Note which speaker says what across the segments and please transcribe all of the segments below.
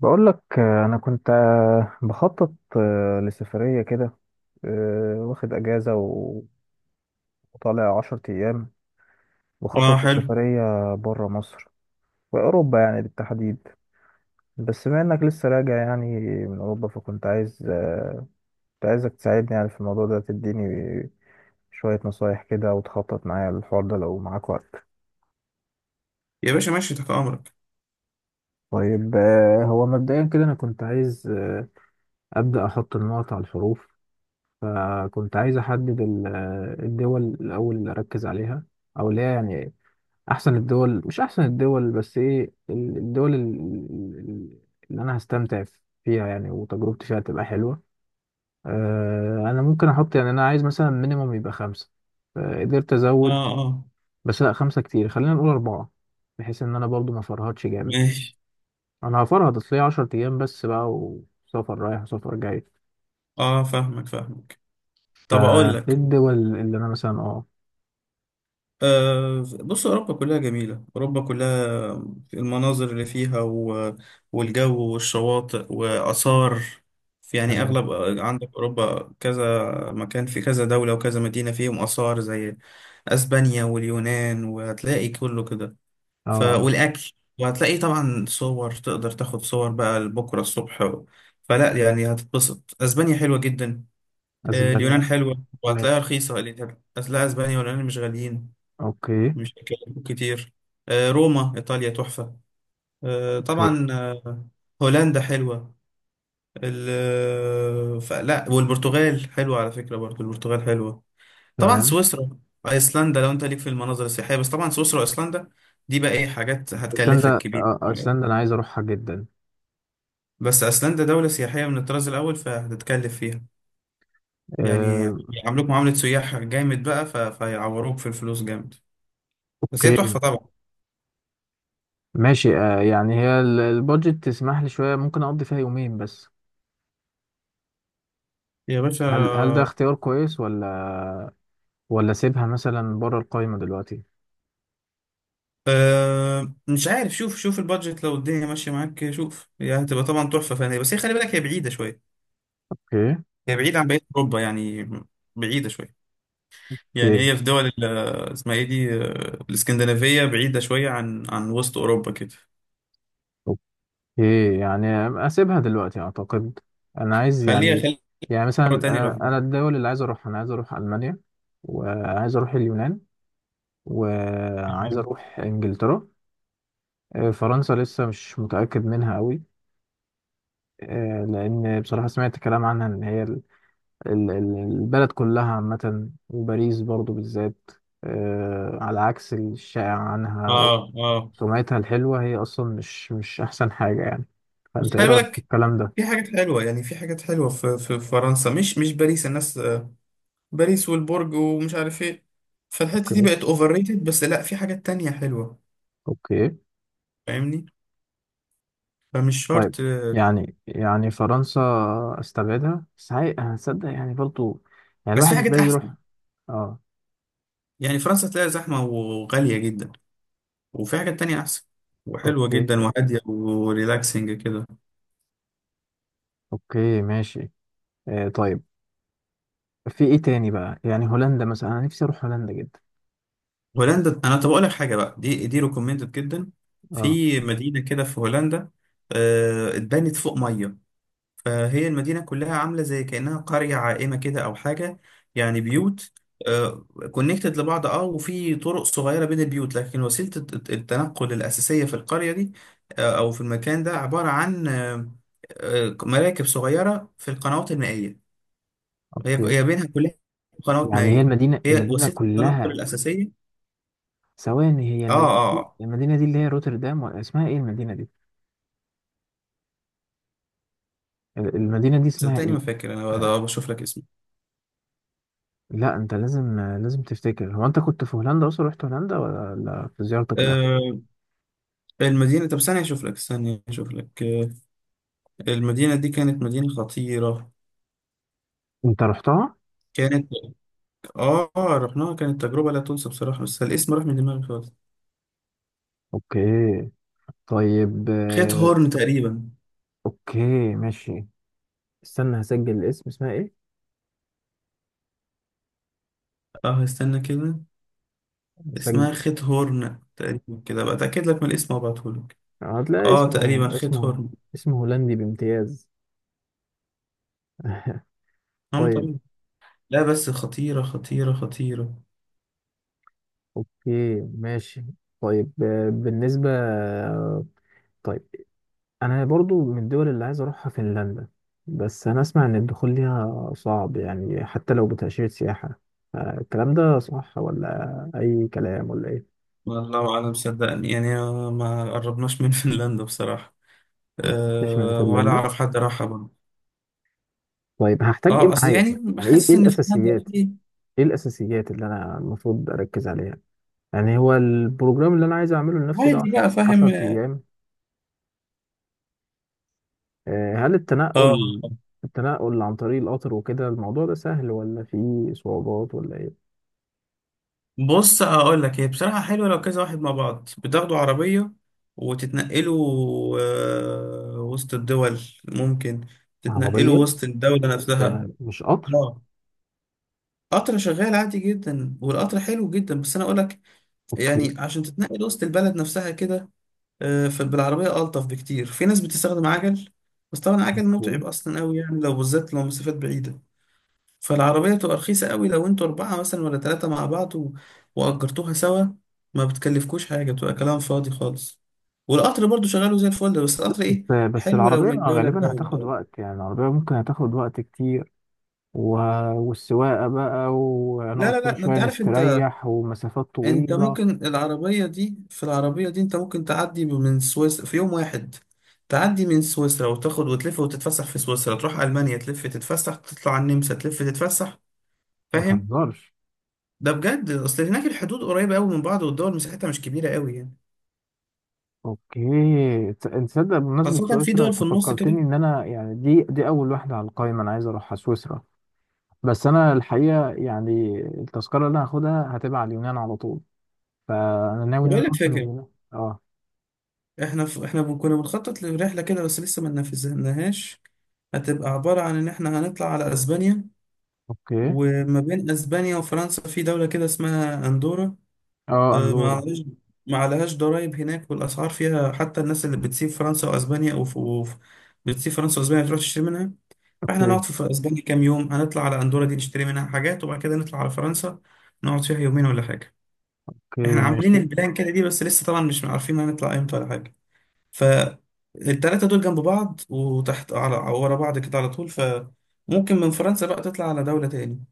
Speaker 1: بقول لك، انا كنت، بخطط، لسفريه كده. واخد اجازه وطالع 10 ايام.
Speaker 2: اه،
Speaker 1: بخطط
Speaker 2: حلو.
Speaker 1: لسفريه بره مصر، في اوروبا يعني بالتحديد. بس بما انك لسه راجع يعني من اوروبا، فكنت عايز آه، كنت عايزك تساعدني يعني في الموضوع ده، تديني شويه نصايح كده وتخطط معايا للحوار ده لو معاك وقت.
Speaker 2: يا باشا، ماشي، تحت امرك.
Speaker 1: طيب، هو مبدئيا كده انا كنت عايز ابدا احط النقط على الحروف. فكنت عايز أحدد الدول الأول اللي أركز عليها، أو اللي هي يعني أحسن الدول. مش أحسن الدول بس، إيه ال- اللي أنا هستمتع فيها يعني، وتجربتي فيها تبقى حلوة. أنا ممكن أحط، يعني أنا عايز مثلا مينيموم يبقى خمسة. قدرت
Speaker 2: اه،
Speaker 1: أزود.
Speaker 2: اه.
Speaker 1: بس لأ، خمسة كتير، خلينا نقول أربعة، بحيث إن أنا برضو ما أفرهدش جامد.
Speaker 2: ماشي.
Speaker 1: أنا هفرهد، أصل هي 10 أيام بس بقى، وسفر رايح وسفر جاي.
Speaker 2: اه، فاهمك فاهمك. طب اقول
Speaker 1: فإيه
Speaker 2: لك،
Speaker 1: الدول اللي أنا مثلا
Speaker 2: بص، اوروبا كلها جميله، اوروبا كلها، المناظر اللي فيها والجو والشواطئ واثار، يعني
Speaker 1: تمام.
Speaker 2: اغلب عندك اوروبا كذا مكان، في كذا دوله وكذا مدينه فيهم اثار زي اسبانيا واليونان، وهتلاقي كله كده.
Speaker 1: اه.
Speaker 2: والاكل، وهتلاقي طبعا صور، تقدر تاخد صور بقى لبكره الصبح فلا، يعني هتتبسط. اسبانيا حلوه جدا.
Speaker 1: اسبانيا.
Speaker 2: اليونان حلوه وهتلاقيها
Speaker 1: ماشي.
Speaker 2: رخيصه، اللي هتلاقي اسبانيا واليونان مش غاليين،
Speaker 1: اوكي،
Speaker 2: مش هيكلفوك كتير. روما ايطاليا تحفه. آه،
Speaker 1: اوكي.
Speaker 2: طبعا آه، هولندا حلوه. فلا، والبرتغال حلوه على فكره، برضو البرتغال حلوه. طبعا
Speaker 1: تمام.
Speaker 2: سويسرا، ايسلندا لو انت ليك في المناظر السياحيه، بس طبعا سويسرا وايسلندا دي بقى ايه، حاجات هتكلفك
Speaker 1: ايسلندا.
Speaker 2: كبير.
Speaker 1: ايسلندا انا عايز اروحها جدا.
Speaker 2: بس أيسلندا دولة سياحية من الطراز الأول، فهتتكلف فيها، يعني
Speaker 1: آه،
Speaker 2: هيعاملوك معاملة سياح جامد بقى، فهيعوروك في الفلوس جامد. بس هي تحفة
Speaker 1: اوكي،
Speaker 2: طبعا.
Speaker 1: ماشي. يعني هي البادجت تسمح لي شويه، ممكن اقضي فيها يومين بس.
Speaker 2: يا
Speaker 1: هل ده
Speaker 2: باشا،
Speaker 1: اختيار كويس؟ ولا اسيبها مثلا بره القائمه دلوقتي؟
Speaker 2: أه مش عارف، شوف شوف البادجت، لو الدنيا ماشية معاك شوف، هي هتبقى طبعا تحفة فنية، بس هي خلي بالك هي بعيدة شوية،
Speaker 1: اوكي،
Speaker 2: هي بعيدة عن بقية أوروبا، يعني بعيدة شوية. يعني
Speaker 1: اوكي،
Speaker 2: هي في دول اسمها ايه دي، الاسكندنافية بعيدة شوية عن وسط أوروبا كده.
Speaker 1: اوكي. يعني اسيبها دلوقتي اعتقد. انا عايز
Speaker 2: خليها
Speaker 1: يعني.
Speaker 2: خليها
Speaker 1: يعني
Speaker 2: مرة
Speaker 1: مثلا،
Speaker 2: تانية لوحدها.
Speaker 1: انا الدول اللي عايز اروحها، انا عايز اروح المانيا، وعايز اروح اليونان، وعايز اروح انجلترا. فرنسا لسه مش متأكد منها قوي. لأن بصراحة سمعت كلام عنها إن هي البلد كلها عامة، وباريس برضو بالذات. على عكس الشائع عنها،
Speaker 2: اه، اه.
Speaker 1: سمعتها الحلوة هي أصلا مش أحسن حاجة يعني.
Speaker 2: بس
Speaker 1: فأنت إيه
Speaker 2: خلي
Speaker 1: رأيك في
Speaker 2: بالك،
Speaker 1: الكلام ده؟
Speaker 2: في حاجات حلوة، يعني في حاجات حلوة في فرنسا، مش باريس، الناس باريس والبرج ومش عارف ايه، فالحتة دي
Speaker 1: اوكي.
Speaker 2: بقت اوفر ريتد، بس لا في حاجات تانية حلوة.
Speaker 1: أوكي.
Speaker 2: فاهمني؟ فمش
Speaker 1: طيب.
Speaker 2: شرط.
Speaker 1: يعني فرنسا أستبعدها، بس هتصدق يعني برضو، يعني
Speaker 2: بس في
Speaker 1: الواحد ده
Speaker 2: حاجات أحسن،
Speaker 1: يروح. أه.
Speaker 2: يعني فرنسا تلاقي زحمة وغالية جدا، وفي حاجات تانية أحسن وحلوة
Speaker 1: أوكي.
Speaker 2: جدا وهادية وريلاكسنج كده.
Speaker 1: أوكي، ماشي. طيب. في ايه تاني بقى؟ يعني هولندا مثلا، انا نفسي اروح هولندا جدا.
Speaker 2: هولندا أنا، طب أقول لك حاجة بقى، دي ريكومندد جدا.
Speaker 1: اه.
Speaker 2: في مدينة كده في هولندا، اتبنت فوق 100، فهي المدينة كلها عاملة زي كأنها قرية عائمة كده أو حاجة، يعني بيوت كونكتد لبعض، اه، وفي طرق صغيرة بين البيوت، لكن وسيلة التنقل الأساسية في القرية دي، أو في المكان ده عبارة عن مراكب صغيرة في القنوات المائية، هي
Speaker 1: اوكي.
Speaker 2: هي بينها كلها قنوات
Speaker 1: يعني هي
Speaker 2: مائية،
Speaker 1: المدينه
Speaker 2: هي
Speaker 1: المدينه
Speaker 2: وسيلة التنقل
Speaker 1: كلها.
Speaker 2: الأساسية.
Speaker 1: ثواني، هي
Speaker 2: اه،
Speaker 1: المدينه
Speaker 2: اه، آه.
Speaker 1: المدينه دي اللي هي روتردام ولا اسمها ايه المدينه دي؟ المدينه دي اسمها
Speaker 2: صدقني
Speaker 1: ايه؟
Speaker 2: ما فاكر أنا
Speaker 1: آه،
Speaker 2: بشوف لك اسمه.
Speaker 1: لا، انت لازم لازم تفتكر. هو انت كنت في هولندا اصلا، رحت هولندا ولا لا في زيارتك الاخيره؟
Speaker 2: آه، المدينة، طب ثانية أشوف لك، ثانية أشوف لك، المدينة دي كانت مدينة خطيرة،
Speaker 1: انت رحتها؟
Speaker 2: كانت، آه رحناها، كانت تجربة لا تنسى بصراحة، بس الاسم راح من دماغي خالص.
Speaker 1: اوكي. طيب.
Speaker 2: خيت هورن تقريبا.
Speaker 1: اوكي، ماشي. استنى، هسجل الاسم. اسمها ايه؟
Speaker 2: آه، استنى كده، اسمها
Speaker 1: هسجل.
Speaker 2: خيت هورن تقريبا كده بقى، أتأكد لك من الاسم وأبعتهولك.
Speaker 1: هتلاقي
Speaker 2: آه تقريبا
Speaker 1: اسمه
Speaker 2: خيت
Speaker 1: اسمه
Speaker 2: هورن.
Speaker 1: اسمه هولندي بامتياز.
Speaker 2: آه
Speaker 1: طيب.
Speaker 2: تقريبا. لا، بس خطيرة خطيرة خطيرة.
Speaker 1: اوكي، ماشي. طيب، بالنسبة. طيب، انا برضو من الدول اللي عايز اروحها فنلندا. بس انا اسمع ان الدخول ليها صعب يعني، حتى لو بتأشيرة سياحة. الكلام ده صح ولا اي كلام ولا ايه؟
Speaker 2: والله أعلم، صدقني، ما قربناش من فنلندا بصراحة.
Speaker 1: ما كنتش من
Speaker 2: أه، ولا
Speaker 1: فنلندا.
Speaker 2: أعرف حد راحها برضه.
Speaker 1: طيب هحتاج ايه
Speaker 2: أصل
Speaker 1: معايا؟
Speaker 2: يعني
Speaker 1: يعني ايه إيه
Speaker 2: حاسس إن فنلندا
Speaker 1: الاساسيات.
Speaker 2: فيه.
Speaker 1: ايه الاساسيات اللي انا المفروض اركز عليها؟ يعني هو البروجرام اللي انا عايز اعمله لنفسي ده
Speaker 2: عادي بقى فاهم.
Speaker 1: 10 ايام. هل
Speaker 2: اه،
Speaker 1: التنقل التنقل عن طريق القطر وكده، الموضوع ده سهل ولا فيه صعوبات ولا ايه؟
Speaker 2: بص اقول لك، هي بصراحه حلوه لو كذا واحد مع بعض، بتاخدوا عربيه وتتنقلوا، وسط الدول، ممكن تتنقلوا
Speaker 1: عربية،
Speaker 2: وسط الدوله نفسها.
Speaker 1: ده مش قطر؟
Speaker 2: اه، قطر شغال عادي جدا، والقطر حلو جدا، بس انا اقول لك
Speaker 1: اوكي.
Speaker 2: يعني عشان تتنقل وسط البلد نفسها كده، فبالعربيه الطف بكتير، في ناس بتستخدم عجل، بس طبعا عجل
Speaker 1: اوكي.
Speaker 2: متعب اصلا قوي، يعني لو بالذات لو مسافات بعيده، فالعربية بتبقى رخيصة قوي، لو انتوا أربعة مثلا ولا تلاتة مع بعض وأجرتوها سوا، ما بتكلفكوش حاجة، بتبقى كلام فاضي خالص. والقطر برضو شغاله زي الفل، بس القطر ايه،
Speaker 1: بس
Speaker 2: حلو لو
Speaker 1: العربية
Speaker 2: من دولة
Speaker 1: غالبا
Speaker 2: لدولة،
Speaker 1: هتاخد
Speaker 2: اه.
Speaker 1: وقت، يعني العربية ممكن هتاخد وقت كتير. و... والسواقة بقى،
Speaker 2: لا
Speaker 1: وهنقف
Speaker 2: لا لا،
Speaker 1: كل
Speaker 2: ده انت
Speaker 1: شوية
Speaker 2: عارف انت،
Speaker 1: نستريح، ومسافات
Speaker 2: انت
Speaker 1: طويلة.
Speaker 2: ممكن العربية دي، انت ممكن تعدي من سويسرا في يوم واحد، تعدي من سويسرا وتاخد وتلف وتتفسح في سويسرا، تروح ألمانيا تلف تتفسح، تطلع على النمسا تلف تتفسح.
Speaker 1: ما
Speaker 2: فاهم؟
Speaker 1: تهزرش.
Speaker 2: ده بجد، اصل هناك الحدود قريبة قوي من بعض، والدول مساحتها مش كبيرة قوي يعني،
Speaker 1: اوكي. انت تصدق؟ بمناسبة
Speaker 2: خاصة في
Speaker 1: سويسرا،
Speaker 2: دول
Speaker 1: انت
Speaker 2: في النص كده.
Speaker 1: فكرتني ان انا يعني دي اول واحدة على القائمة، انا عايز اروحها سويسرا. بس انا الحقيقه يعني التذكره اللي هاخدها هتبقى على اليونان على طول، فانا ناوي ان
Speaker 2: بقول
Speaker 1: انا
Speaker 2: لك
Speaker 1: اروح من
Speaker 2: فاكر،
Speaker 1: اليونان. اه.
Speaker 2: احنا كنا بنخطط لرحلة كده، بس لسه ما نفذناهاش. هتبقى عبارة عن ان احنا هنطلع على اسبانيا،
Speaker 1: اوكي.
Speaker 2: وما بين اسبانيا وفرنسا في دولة كده اسمها اندورا،
Speaker 1: اه،
Speaker 2: اه، ما
Speaker 1: اندورا.
Speaker 2: عليهاش، ما عليهاش ضرايب هناك، والاسعار فيها، حتى الناس اللي بتسيب فرنسا واسبانيا بتسيب فرنسا واسبانيا بتروح تشتري منها. فاحنا
Speaker 1: اوكي.
Speaker 2: نقعد في اسبانيا كام يوم، هنطلع على اندورا دي نشتري منها حاجات، وبعد كده نطلع على فرنسا، نقعد فيها يومين ولا حاجة. احنا
Speaker 1: اوكي،
Speaker 2: عاملين
Speaker 1: ماشي.
Speaker 2: البلان كده دي، بس لسه طبعا مش عارفين هنطلع امتى ولا حاجه. فالتلاتة دول جنب بعض، وتحت على ورا بعض كده على طول، فممكن من فرنسا بقى تطلع على دولة تاني.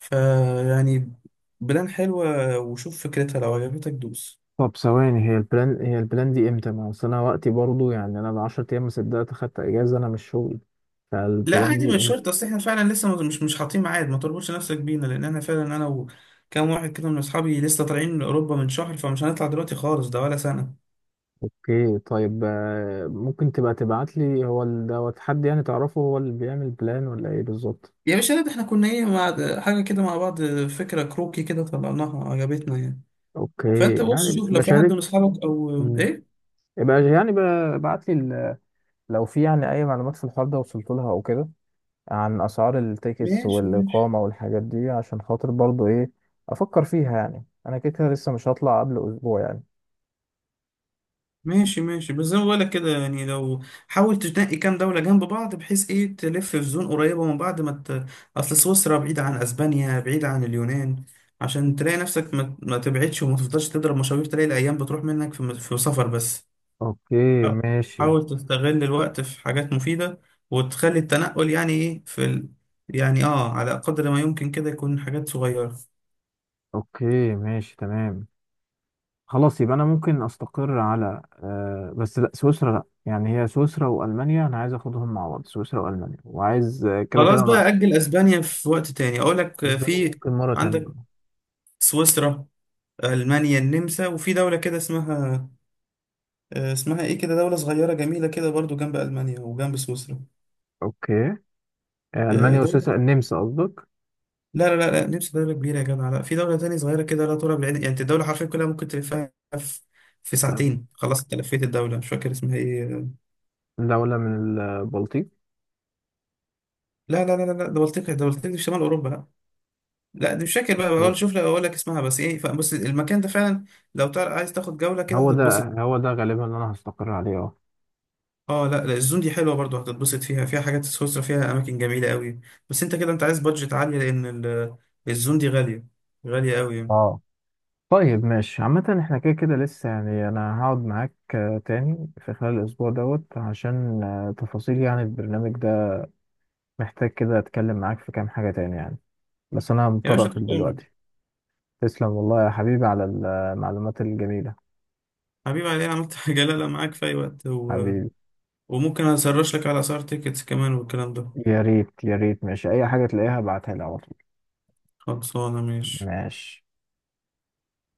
Speaker 2: فيعني بلان حلوة، وشوف فكرتها، لو عجبتك دوس.
Speaker 1: طب ثواني، هي البلان دي امتى؟ ما اصل انا وقتي برضو يعني انا ب 10 ايام، ما صدقت اخدت اجازه، انا مش شغل.
Speaker 2: لا،
Speaker 1: فالبلان
Speaker 2: عادي،
Speaker 1: دي
Speaker 2: مش شرط،
Speaker 1: امتى؟
Speaker 2: اصل احنا فعلا لسه مش حاطين ميعاد، ما تربطش نفسك بينا، لان انا فعلا انا وكام واحد كده من اصحابي لسه طالعين من اوروبا من شهر، فمش هنطلع دلوقتي خالص، ده ولا سنة.
Speaker 1: اوكي، طيب. ممكن تبقى تبعت لي، هو دوت حد يعني تعرفه هو اللي بيعمل بلان ولا ايه بالظبط؟
Speaker 2: يا باشا لا، ده احنا كنا ايه، مع حاجة كده مع بعض، فكرة كروكي كده طلعناها عجبتنا يعني،
Speaker 1: اوكي،
Speaker 2: فانت بص
Speaker 1: يعني
Speaker 2: شوف لو في حد
Speaker 1: بشارك.
Speaker 2: من اصحابك او
Speaker 1: مم.
Speaker 2: ايه.
Speaker 1: يبقى يعني ابعت لي لو في يعني اي معلومات في الحوار ده وصلت لها او كده، عن اسعار التيكتس
Speaker 2: ماشي ماشي.
Speaker 1: والاقامه والحاجات دي، عشان خاطر برضو ايه، افكر فيها. يعني انا كده كده لسه مش هطلع قبل اسبوع يعني.
Speaker 2: ماشي ماشي. بس زي ما بقولك كده يعني، لو حاول تنقي كام دولة جنب بعض، بحيث ايه تلف في زون قريبة من بعض، ما ت... اصل سويسرا بعيدة عن اسبانيا، بعيدة عن اليونان، عشان تلاقي نفسك ما تبعدش، وما تفضلش تضرب مشاوير، تلاقي الايام بتروح منك في سفر بس.
Speaker 1: اوكي،
Speaker 2: حا-
Speaker 1: ماشي.
Speaker 2: حاول تستغل الوقت في حاجات مفيدة، وتخلي التنقل يعني ايه يعني اه على قدر ما يمكن كده يكون حاجات صغيرة.
Speaker 1: اوكي، ماشي، تمام. خلاص، يبقى انا ممكن استقر على بس، لا سويسرا. لا، يعني هي سويسرا والمانيا، انا عايز اخدهم مع بعض. سويسرا والمانيا، وعايز كده
Speaker 2: خلاص
Speaker 1: كده بقى.
Speaker 2: بقى، أجل أسبانيا في وقت تاني، أقول لك،
Speaker 1: اسبانيا دي
Speaker 2: في
Speaker 1: ممكن مره تانية
Speaker 2: عندك
Speaker 1: بقى.
Speaker 2: سويسرا، ألمانيا، النمسا، وفي دولة كده اسمها، اسمها إيه كده، دولة صغيرة جميلة كده برضو جنب ألمانيا وجنب سويسرا.
Speaker 1: اوكي. المانيا
Speaker 2: دولة،
Speaker 1: وسويسرا، النمسا قصدك؟
Speaker 2: لا لا لا لا، نمسا دولة كبيرة يا جماعة، لا، في دولة تانية صغيرة كده لا ترى بالعين، يعني أنت الدولة حرفيا كلها ممكن تلفها في في
Speaker 1: كان
Speaker 2: ساعتين خلاص، أنت لفيت الدولة. مش فاكر اسمها إيه،
Speaker 1: دوله من البلطيق.
Speaker 2: لا لا لا لا لا، دولتك دولتك دي في شمال أوروبا، لا. لا دي مش فاكر بقى، بقول شوف لك أقول لك اسمها بس إيه، بس المكان ده فعلا لو تعرف عايز تاخد جولة كده
Speaker 1: هو ده
Speaker 2: هتتبسط.
Speaker 1: هو ده غالبا اللي انا هستقر عليه. اه.
Speaker 2: اه لا لا، الزون دي حلوه برضو، هتتبسط فيها، فيها حاجات. سويسرا فيها اماكن جميله قوي، بس انت كده انت عايز بادجت عاليه، لان الزون دي غاليه، غاليه قوي يعني.
Speaker 1: اه، طيب. ماشي عامة، احنا كده كده لسه يعني انا هقعد معاك تاني في خلال الاسبوع دوت، عشان تفاصيل يعني البرنامج ده. محتاج كده اتكلم معاك في كام حاجة تاني يعني، بس انا
Speaker 2: يا
Speaker 1: مضطر
Speaker 2: باشا، تحت
Speaker 1: اقفل
Speaker 2: امرك.
Speaker 1: دلوقتي. تسلم والله يا حبيبي على المعلومات الجميلة.
Speaker 2: حبيبي، علي انا عملت حاجه؟ لا لا، معاك في اي وقت،
Speaker 1: حبيبي.
Speaker 2: وممكن اسرش لك على اسعار تيكتس كمان والكلام ده.
Speaker 1: يا ريت، يا ريت. ماشي، اي حاجة تلاقيها ابعتها لي على طول.
Speaker 2: خلصانه، ماشي.
Speaker 1: ماشي.